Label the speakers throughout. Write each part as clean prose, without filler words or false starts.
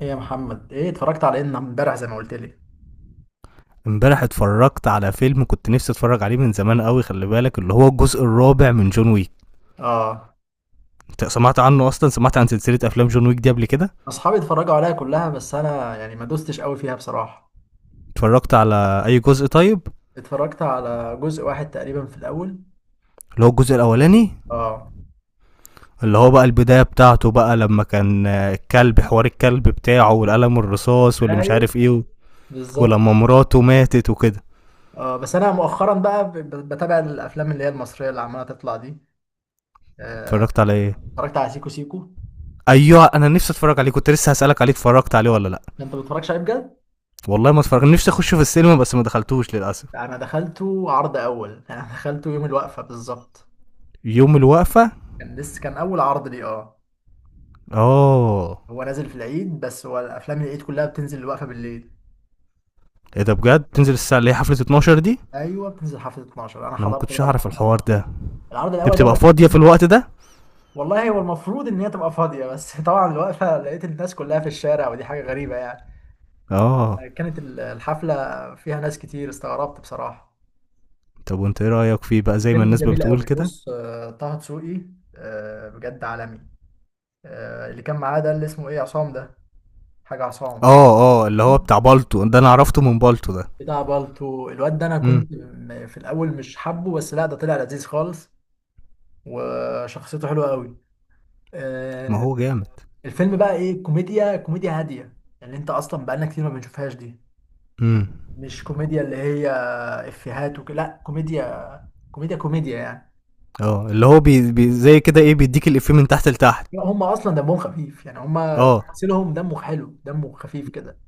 Speaker 1: ايه يا محمد، ايه اتفرجت على ان امبارح زي ما قلت لي؟
Speaker 2: امبارح اتفرجت على فيلم كنت نفسي اتفرج عليه من زمان قوي. خلي بالك اللي هو الجزء الرابع من جون ويك.
Speaker 1: اه.
Speaker 2: انت سمعت عنه اصلا؟ سمعت عن سلسله افلام جون ويك دي قبل كده؟
Speaker 1: اصحابي اتفرجوا عليها كلها بس انا يعني ما دوستش قوي فيها بصراحه.
Speaker 2: اتفرجت على اي جزء طيب؟
Speaker 1: اتفرجت على جزء واحد تقريبا في الاول.
Speaker 2: اللي هو الجزء الاولاني؟
Speaker 1: اه.
Speaker 2: اللي هو بقى البدايه بتاعته بقى لما كان الكلب، حوار الكلب بتاعه والقلم الرصاص واللي مش
Speaker 1: ايوه
Speaker 2: عارف ايه
Speaker 1: بالظبط.
Speaker 2: ولما مراته ماتت وكده.
Speaker 1: اه بس انا مؤخرا بقى بتابع الافلام اللي هي المصريه اللي عماله تطلع دي. آه،
Speaker 2: اتفرجت على ايه؟
Speaker 1: اتفرجت على سيكو سيكو.
Speaker 2: ايوه انا نفسي اتفرج عليه، كنت لسه هسالك عليه، اتفرجت عليه ولا لا؟
Speaker 1: انت ما بتتفرجش عليه بجد؟
Speaker 2: والله ما اتفرج، نفسي اخشه في السينما بس ما دخلتوش للاسف.
Speaker 1: انا دخلته عرض اول انا دخلته يوم الوقفه بالظبط.
Speaker 2: يوم الوقفه.
Speaker 1: كان لسه، كان اول عرض ليه، اه.
Speaker 2: اه.
Speaker 1: هو نازل في العيد، بس هو الافلام العيد كلها بتنزل الوقفه بالليل.
Speaker 2: ايه ده بجد؟ تنزل الساعه اللي هي حفله 12 دي؟
Speaker 1: ايوه بتنزل حفله 12. انا
Speaker 2: انا ما
Speaker 1: حضرت
Speaker 2: كنتش
Speaker 1: بقى
Speaker 2: اعرف الحوار ده.
Speaker 1: العرض
Speaker 2: دي
Speaker 1: الاول
Speaker 2: بتبقى
Speaker 1: ده.
Speaker 2: فاضيه في الوقت ده.
Speaker 1: والله هو المفروض ان هي تبقى فاضيه بس طبعا الوقفه لقيت الناس كلها في الشارع، ودي حاجه غريبه يعني.
Speaker 2: اه.
Speaker 1: كانت الحفله فيها ناس كتير، استغربت بصراحه.
Speaker 2: طب وانت ايه رايك فيه بقى، زي ما
Speaker 1: الفيلم
Speaker 2: الناس
Speaker 1: جميل
Speaker 2: بتقول
Speaker 1: قوي،
Speaker 2: كده؟
Speaker 1: بص، طه دسوقي، بجد عالمي. اللي كان معاه ده اللي اسمه ايه، عصام ده، حاجه عصام كده.
Speaker 2: اه اه، اللي هو بتاع بالتو ده، انا عرفته من بالتو ده.
Speaker 1: بتاع بالتو الواد ده، انا
Speaker 2: امم
Speaker 1: كنت في الاول مش حابه، بس لا ده طلع لذيذ خالص. وشخصيته حلوه قوي.
Speaker 2: ما هو جامد.
Speaker 1: الفيلم بقى ايه، كوميديا، كوميديا هاديه يعني، انت اصلا بقالنا كتير ما بنشوفهاش دي.
Speaker 2: امم
Speaker 1: مش كوميديا اللي هي افيهات وكده، لا كوميديا كوميديا كوميديا يعني.
Speaker 2: اه، اللي هو بي, بي زي كده، ايه، بيديك الافيه من تحت لتحت.
Speaker 1: لا، هم اصلا دمهم خفيف يعني، هم
Speaker 2: اه
Speaker 1: تمثيلهم دمه حلو، دمه خفيف كده.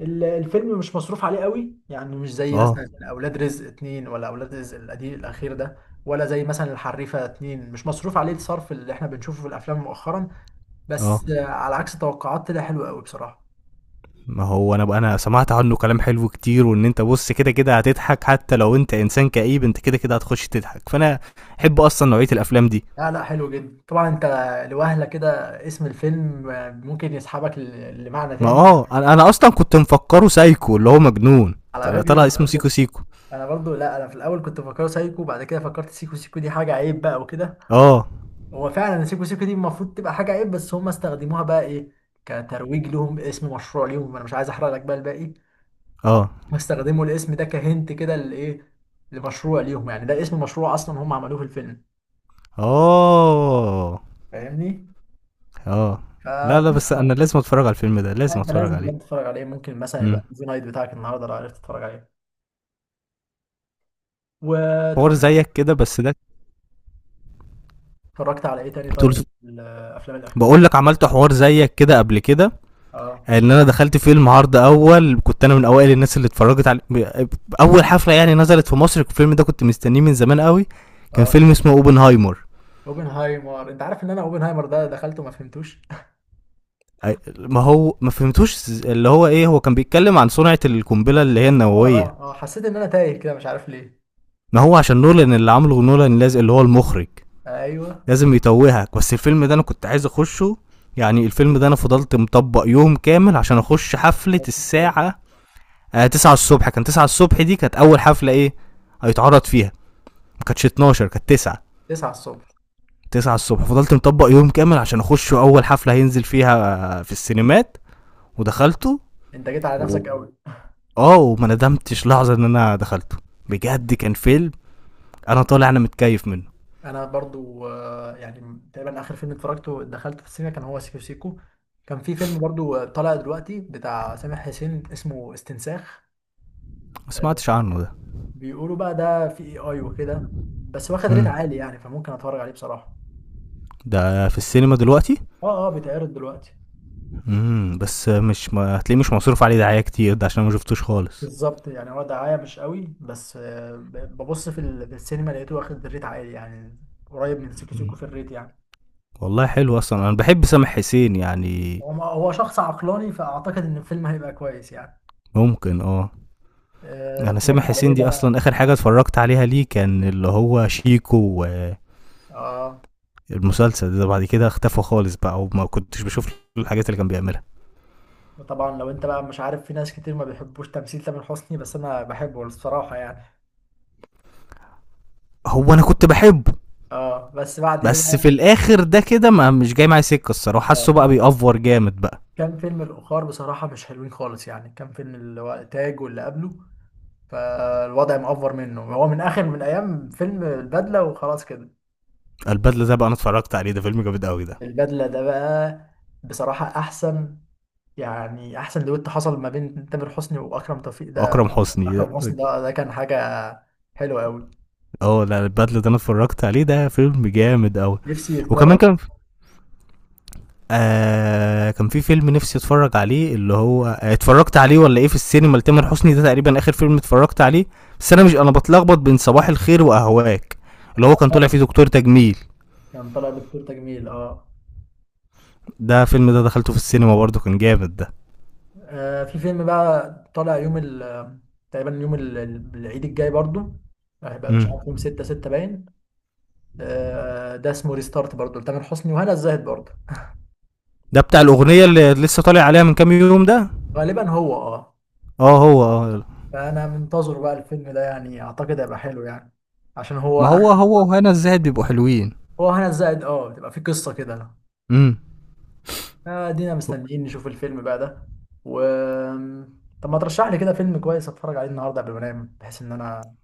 Speaker 1: الفيلم مش مصروف عليه قوي يعني، مش زي
Speaker 2: اه
Speaker 1: مثلا اولاد رزق اتنين، ولا اولاد رزق القديم الاخير ده. ولا زي مثلا الحريفه اتنين، مش مصروف عليه الصرف اللي احنا بنشوفه في الافلام مؤخرا.
Speaker 2: اه.
Speaker 1: بس على عكس توقعات طلع حلو قوي بصراحه.
Speaker 2: ما هو انا بقى، انا سمعت عنه كلام حلو كتير، وان انت بص كده كده هتضحك، حتى لو انت انسان كئيب انت كده كده هتخش تضحك، فانا احب اصلا نوعيه الافلام دي.
Speaker 1: لا لا حلو جدا طبعا. انت لوهلة كده اسم الفيلم، ممكن يسحبك لمعنى
Speaker 2: ما
Speaker 1: تاني.
Speaker 2: اه، انا اصلا كنت مفكره سايكو اللي هو مجنون،
Speaker 1: على
Speaker 2: طلع
Speaker 1: فكرة انا
Speaker 2: طلع اسمه سيكو
Speaker 1: برضو،
Speaker 2: سيكو.
Speaker 1: انا برضو، لا انا في الاول كنت فاكره سايكو، بعد كده فكرت سيكو سيكو دي حاجة عيب بقى وكده.
Speaker 2: اه
Speaker 1: هو فعلا سيكو سيكو دي المفروض تبقى حاجة عيب، بس هم استخدموها بقى ايه، كترويج لهم، اسم مشروع ليهم. انا مش عايز احرق لك بقى الباقي.
Speaker 2: اه
Speaker 1: استخدموا الاسم ده كهنت كده لايه، لمشروع ليهم يعني، ده اسم مشروع اصلا هم عملوه في الفيلم.
Speaker 2: اه
Speaker 1: فاهمني؟
Speaker 2: اه. لا لا، بس
Speaker 1: فقصة.
Speaker 2: انا لازم اتفرج على الفيلم ده،
Speaker 1: لا،
Speaker 2: لازم
Speaker 1: انت
Speaker 2: اتفرج
Speaker 1: لازم
Speaker 2: عليه.
Speaker 1: بجد تتفرج عليه. ممكن مثلا
Speaker 2: امم
Speaker 1: يبقى زي نايت بتاعك النهارده لو عرفت تتفرج عليه.
Speaker 2: حوار
Speaker 1: واتفرجت.
Speaker 2: زيك كده بس ده.
Speaker 1: اتفرجت على ايه تاني
Speaker 2: طول.
Speaker 1: طيب؟ الافلام الاخيره.
Speaker 2: بقول لك عملت حوار زيك كده قبل كده.
Speaker 1: اه
Speaker 2: ان انا دخلت فيلم عرض اول، كنت انا من اوائل الناس اللي اتفرجت على اول حفله يعني نزلت في مصر. الفيلم ده كنت مستنيه من زمان قوي. كان
Speaker 1: اه
Speaker 2: فيلم اسمه اوبنهايمر.
Speaker 1: اوبنهايمر، انت عارف ان انا اوبنهايمر ده دخلته ما فهمتوش.
Speaker 2: ما هو ما فهمتوش، اللي هو ايه، هو كان بيتكلم عن صنعة القنبلة اللي هي
Speaker 1: اه
Speaker 2: النووية.
Speaker 1: اه اه، حسيت ان انا تايه كده مش عارف ليه.
Speaker 2: ما هو عشان نولان اللي عامله، نولان لازم، اللي هو المخرج،
Speaker 1: ايوه.
Speaker 2: لازم يتوهك. بس الفيلم ده انا كنت عايز اخشه. يعني الفيلم ده انا فضلت مطبق يوم كامل عشان اخش حفلة
Speaker 1: ادخل.
Speaker 2: الساعة 9 الصبح. كان 9 الصبح دي كانت اول حفلة ايه هيتعرض فيها. ما كانتش 12، كانت 9.
Speaker 1: 9 الصبح!
Speaker 2: 9 الصبح فضلت مطبق يوم كامل عشان اخش اول حفلة هينزل فيها في السينمات، ودخلته
Speaker 1: انت جيت على
Speaker 2: و-
Speaker 1: نفسك قوي.
Speaker 2: اه وما ندمتش لحظه ان انا دخلته. بجد كان فيلم، انا طالع انا متكيف منه.
Speaker 1: انا برضو يعني تقريبا اخر فيلم اتفرجته دخلته في السينما كان هو سيكو سيكو. كان في فيلم برضو طالع دلوقتي بتاع سامح حسين، اسمه استنساخ.
Speaker 2: ما
Speaker 1: آه،
Speaker 2: سمعتش عنه ده.
Speaker 1: بيقولوا بقى ده في اي اي وكده، بس واخد ريت
Speaker 2: امم
Speaker 1: عالي يعني، فممكن اتفرج عليه بصراحة.
Speaker 2: ده في السينما دلوقتي؟
Speaker 1: اه اه بيتعرض دلوقتي.
Speaker 2: بس مش، ما هتلاقيه مش مصروف عليه دعايه كتير ده، عشان أنا ما شفتوش خالص.
Speaker 1: بالظبط يعني هو دعاية مش قوي، بس ببص في السينما لقيته واخد ريت عالي يعني، قريب من سيكو سيكو
Speaker 2: مم.
Speaker 1: في الريت يعني.
Speaker 2: والله حلو، اصلا انا بحب سامح حسين يعني.
Speaker 1: هو هو شخص عقلاني، فاعتقد ان الفيلم هيبقى كويس يعني.
Speaker 2: ممكن اه. انا سامح
Speaker 1: اتفرجت على ايه
Speaker 2: حسين دي
Speaker 1: بقى؟
Speaker 2: اصلا اخر حاجه اتفرجت عليها ليه، كان اللي هو شيكو،
Speaker 1: اه
Speaker 2: والمسلسل ده بعد كده اختفى خالص بقى وما كنتش بشوف الحاجات اللي كان بيعملها.
Speaker 1: طبعا. لو انت بقى مش عارف، في ناس كتير ما بيحبوش تمثيل تامر حسني، بس انا بحبه الصراحة يعني.
Speaker 2: هو انا كنت بحبه،
Speaker 1: اه بس بعد ايه
Speaker 2: بس في
Speaker 1: بقى،
Speaker 2: الاخر ده كده ما مش جاي معايا سكه الصراحه، حاسه بقى بيأفور جامد بقى.
Speaker 1: كان فيلم الأخار بصراحة مش حلوين خالص يعني، كان فيلم اللي هو تاج واللي قبله. فالوضع مأفور منه هو من آخر، من أيام فيلم البدلة وخلاص كده.
Speaker 2: البدله ده بقى انا اتفرجت عليه، ده فيلم جامد قوي ده.
Speaker 1: البدلة ده بقى بصراحة أحسن يعني، أحسن دويت حصل ما بين تامر حسني وأكرم توفيق ده.
Speaker 2: اكرم حسني
Speaker 1: أكرم حسني
Speaker 2: ده.
Speaker 1: ده، ده كان حاجة حلوة أوي.
Speaker 2: اه لا، البدله ده انا اتفرجت عليه ده فيلم جامد قوي.
Speaker 1: نفسي
Speaker 2: وكمان
Speaker 1: يتكرر.
Speaker 2: كان كان في فيلم نفسي اتفرج عليه، اللي هو اتفرجت عليه ولا ايه في السينما لتامر حسني ده، تقريبا اخر فيلم اتفرجت عليه. بس انا مش، انا بتلخبط بين صباح الخير واهواك، اللي هو كان طالع فيه دكتور تجميل.
Speaker 1: كان طالع دكتور تجميل، اه.
Speaker 2: ده فيلم ده دخلته في السينما برضه، كان جامد ده.
Speaker 1: في فيلم بقى طالع يوم ال، تقريبا يوم العيد الجاي برضو، هيبقى مش عارف يوم
Speaker 2: امم
Speaker 1: ستة ستة باين. ده اسمه ريستارت برضه، لتامر حسني وهنا الزاهد برضه.
Speaker 2: ده بتاع الاغنيه اللي لسه طالع عليها من كام يوم ده؟
Speaker 1: غالبا هو، اه.
Speaker 2: اه هو اه.
Speaker 1: فانا منتظر بقى الفيلم ده يعني، اعتقد هيبقى حلو يعني عشان
Speaker 2: ما
Speaker 1: هو.
Speaker 2: هو هو وهنا الزاهد بيبقوا حلوين.
Speaker 1: هو هنا الزاهد اه بتبقى فيه قصة كده.
Speaker 2: امم
Speaker 1: ادينا مستنيين نشوف الفيلم بقى ده. و، طب ما ترشح لي كده فيلم كويس اتفرج عليه النهارده قبل ما انام بحيث ان انا،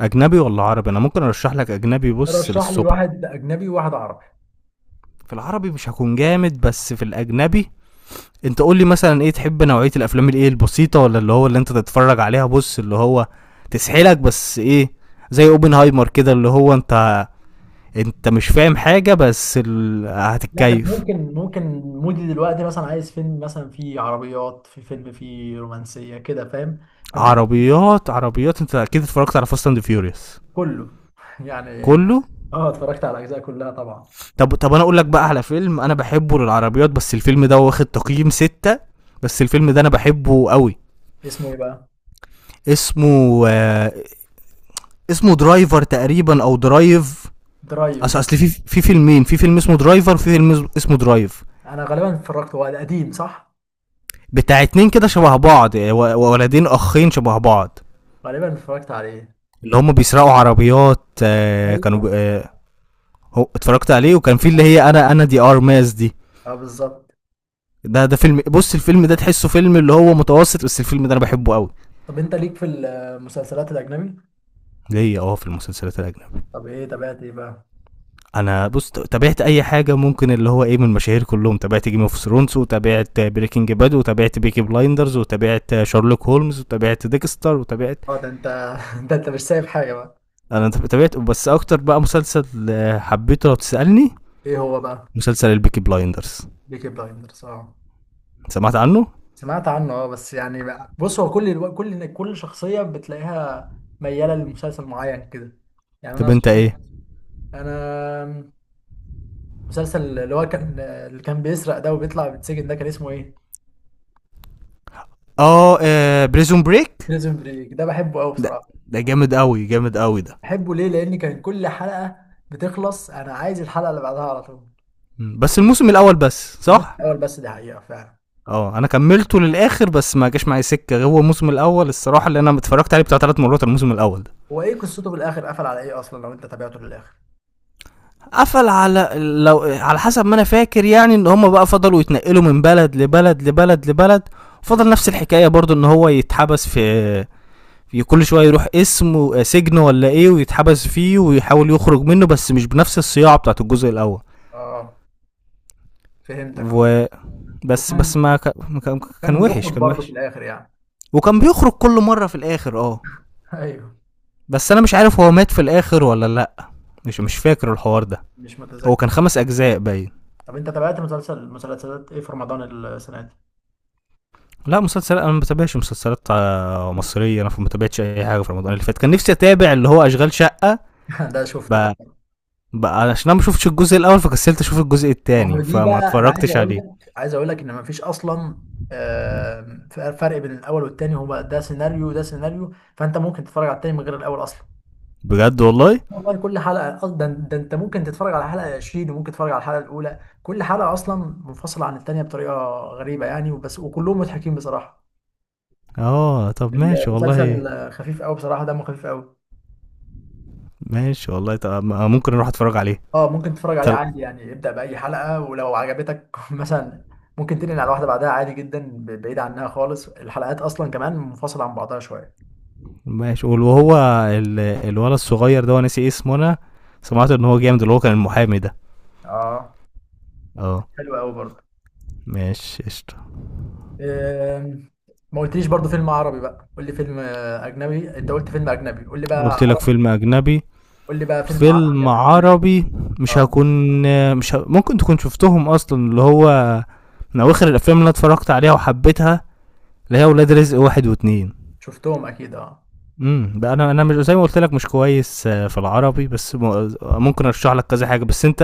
Speaker 2: اجنبي ولا عربي؟ انا ممكن ارشح لك اجنبي بص
Speaker 1: رشح لي
Speaker 2: للصبح.
Speaker 1: واحد اجنبي وواحد عربي.
Speaker 2: في العربي مش هكون جامد، بس في الاجنبي. انت قول لي مثلا ايه تحب، نوعيه الافلام الايه، البسيطه ولا اللي هو اللي انت تتفرج عليها بص اللي هو تسحلك، بس ايه، زي اوبنهايمر كده، اللي هو انت انت مش فاهم حاجه بس
Speaker 1: لا انا
Speaker 2: هتتكيف.
Speaker 1: ممكن، ممكن مودي دلوقتي مثلا عايز فيلم مثلا فيه عربيات، في فيلم فيه رومانسية كده، فاهم؟ ففي،
Speaker 2: عربيات، عربيات. انت اكيد اتفرجت على فاست اند فيوريوس.
Speaker 1: كله يعني.
Speaker 2: كله.
Speaker 1: اه اتفرجت على الاجزاء كلها طبعا.
Speaker 2: طب طب انا اقول لك بقى على فيلم انا بحبه للعربيات، بس الفيلم ده واخد تقييم ستة، بس الفيلم ده انا بحبه قوي.
Speaker 1: اسمه ايه بقى؟
Speaker 2: اسمه آه، اسمه درايفر تقريبا او درايف.
Speaker 1: درايف.
Speaker 2: اصل في فيلمين، في فيلم اسمه درايفر وفي فيلم اسمه درايف.
Speaker 1: انا غالبا اتفرجت، هو قديم صح؟
Speaker 2: بتاع اتنين كده شبه بعض، ولدين اخين شبه بعض.
Speaker 1: غالبا اتفرجت عليه.
Speaker 2: اللي هم بيسرقوا عربيات آه، كانوا
Speaker 1: ايوه.
Speaker 2: ب- آه، هو اتفرجت عليه؟ وكان في اللي هي، انا دي ار ماس دي.
Speaker 1: اه بالظبط.
Speaker 2: ده فيلم، بص الفيلم ده تحسه فيلم اللي هو متوسط، بس الفيلم ده انا بحبه قوي.
Speaker 1: طب انت ليك في المسلسلات الاجنبي؟
Speaker 2: ليا اه في المسلسلات الاجنبية.
Speaker 1: طب ايه تابعت ايه بقى؟
Speaker 2: انا بص تابعت اي حاجه ممكن، اللي هو ايه، من المشاهير كلهم. تابعت جيم اوف ثرونز، وتابعت بريكنج باد، وتابعت بيكي بلايندرز، وتابعت شارلوك هولمز، وتابعت ديكستر، وتابعت.
Speaker 1: اه ده انت، ده انت مش سايب حاجه بقى.
Speaker 2: انا تابعت بس اكتر بقى مسلسل حبيته لو تسالني،
Speaker 1: ايه هو بقى؟
Speaker 2: مسلسل البيكي بلايندرز.
Speaker 1: بيكي بلايندرز، اه
Speaker 2: سمعت عنه؟
Speaker 1: سمعت عنه. اه، بس يعني بقى بص، هو كل كل شخصيه بتلاقيها مياله لمسلسل معين كده يعني. انا
Speaker 2: طب انت
Speaker 1: صحابي،
Speaker 2: ايه؟
Speaker 1: انا مسلسل اللي هو كان، اللي كان بيسرق ده وبيطلع بيتسجن ده، كان اسمه ايه؟
Speaker 2: بريزون بريك.
Speaker 1: بريزون بريك ده بحبه قوي
Speaker 2: ده
Speaker 1: بصراحة.
Speaker 2: ده جامد قوي، جامد قوي ده.
Speaker 1: بحبه ليه؟ لأن كان كل حلقة بتخلص أنا عايز الحلقة اللي بعدها على طول.
Speaker 2: بس الموسم الاول بس،
Speaker 1: الموسم
Speaker 2: صح.
Speaker 1: الأول بس، دي حقيقة فعلا.
Speaker 2: اه انا كملته للاخر بس ما جاش معايا سكه، هو الموسم الاول الصراحه اللي انا اتفرجت عليه بتاع ثلاث مرات الموسم الاول.
Speaker 1: هو ايه قصته في الآخر، قفل على ايه أصلا لو أنت تابعته للآخر؟
Speaker 2: قفل على، لو على حسب ما انا فاكر يعني، ان هم بقى فضلوا يتنقلوا من بلد لبلد لبلد لبلد،
Speaker 1: حلو.
Speaker 2: فضل نفس الحكايه برضو ان هو يتحبس في، في كل شويه يروح اسم سجن ولا ايه ويتحبس فيه ويحاول يخرج منه، بس مش بنفس الصياعه بتاعت الجزء الاول.
Speaker 1: اه فهمتك اه.
Speaker 2: وبس.
Speaker 1: وكان،
Speaker 2: بس ما كان كان
Speaker 1: كان
Speaker 2: وحش،
Speaker 1: بيخرج
Speaker 2: كان
Speaker 1: برضه في
Speaker 2: وحش.
Speaker 1: الآخر يعني.
Speaker 2: وكان بيخرج كل مره في الاخر اه.
Speaker 1: ايوه.
Speaker 2: بس انا مش عارف هو مات في الاخر ولا لا، مش مش فاكر الحوار ده.
Speaker 1: مش
Speaker 2: هو كان
Speaker 1: متذكر.
Speaker 2: خمس اجزاء باين.
Speaker 1: طب أنت تابعت مسلسل، مسلسلات ايه في رمضان السنة دي؟
Speaker 2: لا مسلسل، انا ما بتابعش مسلسلات
Speaker 1: بس،
Speaker 2: مصريه. انا ما بتابعتش اي حاجه في رمضان اللي فات. كان نفسي اتابع اللي هو اشغال شقه.
Speaker 1: ده شفته ده.
Speaker 2: ب... عشان انا ما شفتش الجزء الاول فكسلت اشوف الجزء
Speaker 1: ما هو
Speaker 2: الثاني
Speaker 1: دي
Speaker 2: فما
Speaker 1: بقى، انا عايز
Speaker 2: اتفرجتش
Speaker 1: اقول
Speaker 2: عليه.
Speaker 1: لك، عايز اقول لك ان مفيش اصلا فرق بين الاول والتاني. هو بقى ده سيناريو وده سيناريو، فانت ممكن تتفرج على التاني من غير الاول اصلا.
Speaker 2: بجد والله؟
Speaker 1: والله كل حلقه أصلاً، ده ده انت ممكن تتفرج على الحلقه 20، وممكن تتفرج على الحلقه الاولى، كل حلقه اصلا منفصله عن التانيه بطريقه غريبه يعني، وبس، وكلهم مضحكين بصراحه.
Speaker 2: اه طب ماشي والله.
Speaker 1: المسلسل خفيف قوي بصراحه، دمه خفيف قوي.
Speaker 2: ماشي والله. طب ممكن اروح اتفرج عليه.
Speaker 1: اه ممكن تتفرج عليه
Speaker 2: تل...
Speaker 1: عادي يعني، ابدأ بأي حلقة ولو عجبتك مثلا ممكن تنقل على واحدة بعدها عادي جدا، بعيد عنها خالص، الحلقات أصلا كمان منفصلة عن بعضها شوية.
Speaker 2: ماشي وهو الولد الصغير ده، ناسي اسمه انا، سمعت ان هو جامد، اللي هو كان المحامي ده.
Speaker 1: اه
Speaker 2: اه.
Speaker 1: حلو قوي برضه.
Speaker 2: ماشي قشطه.
Speaker 1: آم، ما قلتليش برضه فيلم عربي بقى، قول لي فيلم أجنبي، أنت قلت فيلم أجنبي، قول لي
Speaker 2: قلت
Speaker 1: بقى
Speaker 2: لك
Speaker 1: عربي.
Speaker 2: فيلم اجنبي.
Speaker 1: قول لي بقى فيلم عربي.
Speaker 2: فيلم عربي، مش
Speaker 1: اه
Speaker 2: هكون، مش ه... ممكن تكون شفتهم اصلا، اللي هو من اواخر الافلام اللي أنا اتفرجت عليها وحبيتها، اللي هي ولاد رزق واحد واتنين.
Speaker 1: شفتهم أكيد اه.
Speaker 2: بقى، انا مش زي ما قلت لك مش كويس في العربي، بس ممكن ارشح لك كذا حاجه، بس انت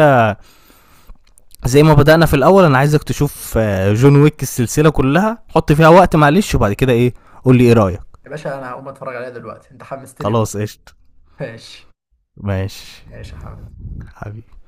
Speaker 2: زي ما بدانا في الاول انا عايزك تشوف جون ويك السلسله كلها، حط فيها وقت معلش، وبعد كده ايه، قول لي ايه رايك.
Speaker 1: يا باشا أنا هقوم أتفرج عليها دلوقتي، أنت حمستني.
Speaker 2: خلاص قشطه.
Speaker 1: ماشي.
Speaker 2: ماشي.
Speaker 1: ماشي يا حبيبي.
Speaker 2: حبيبي.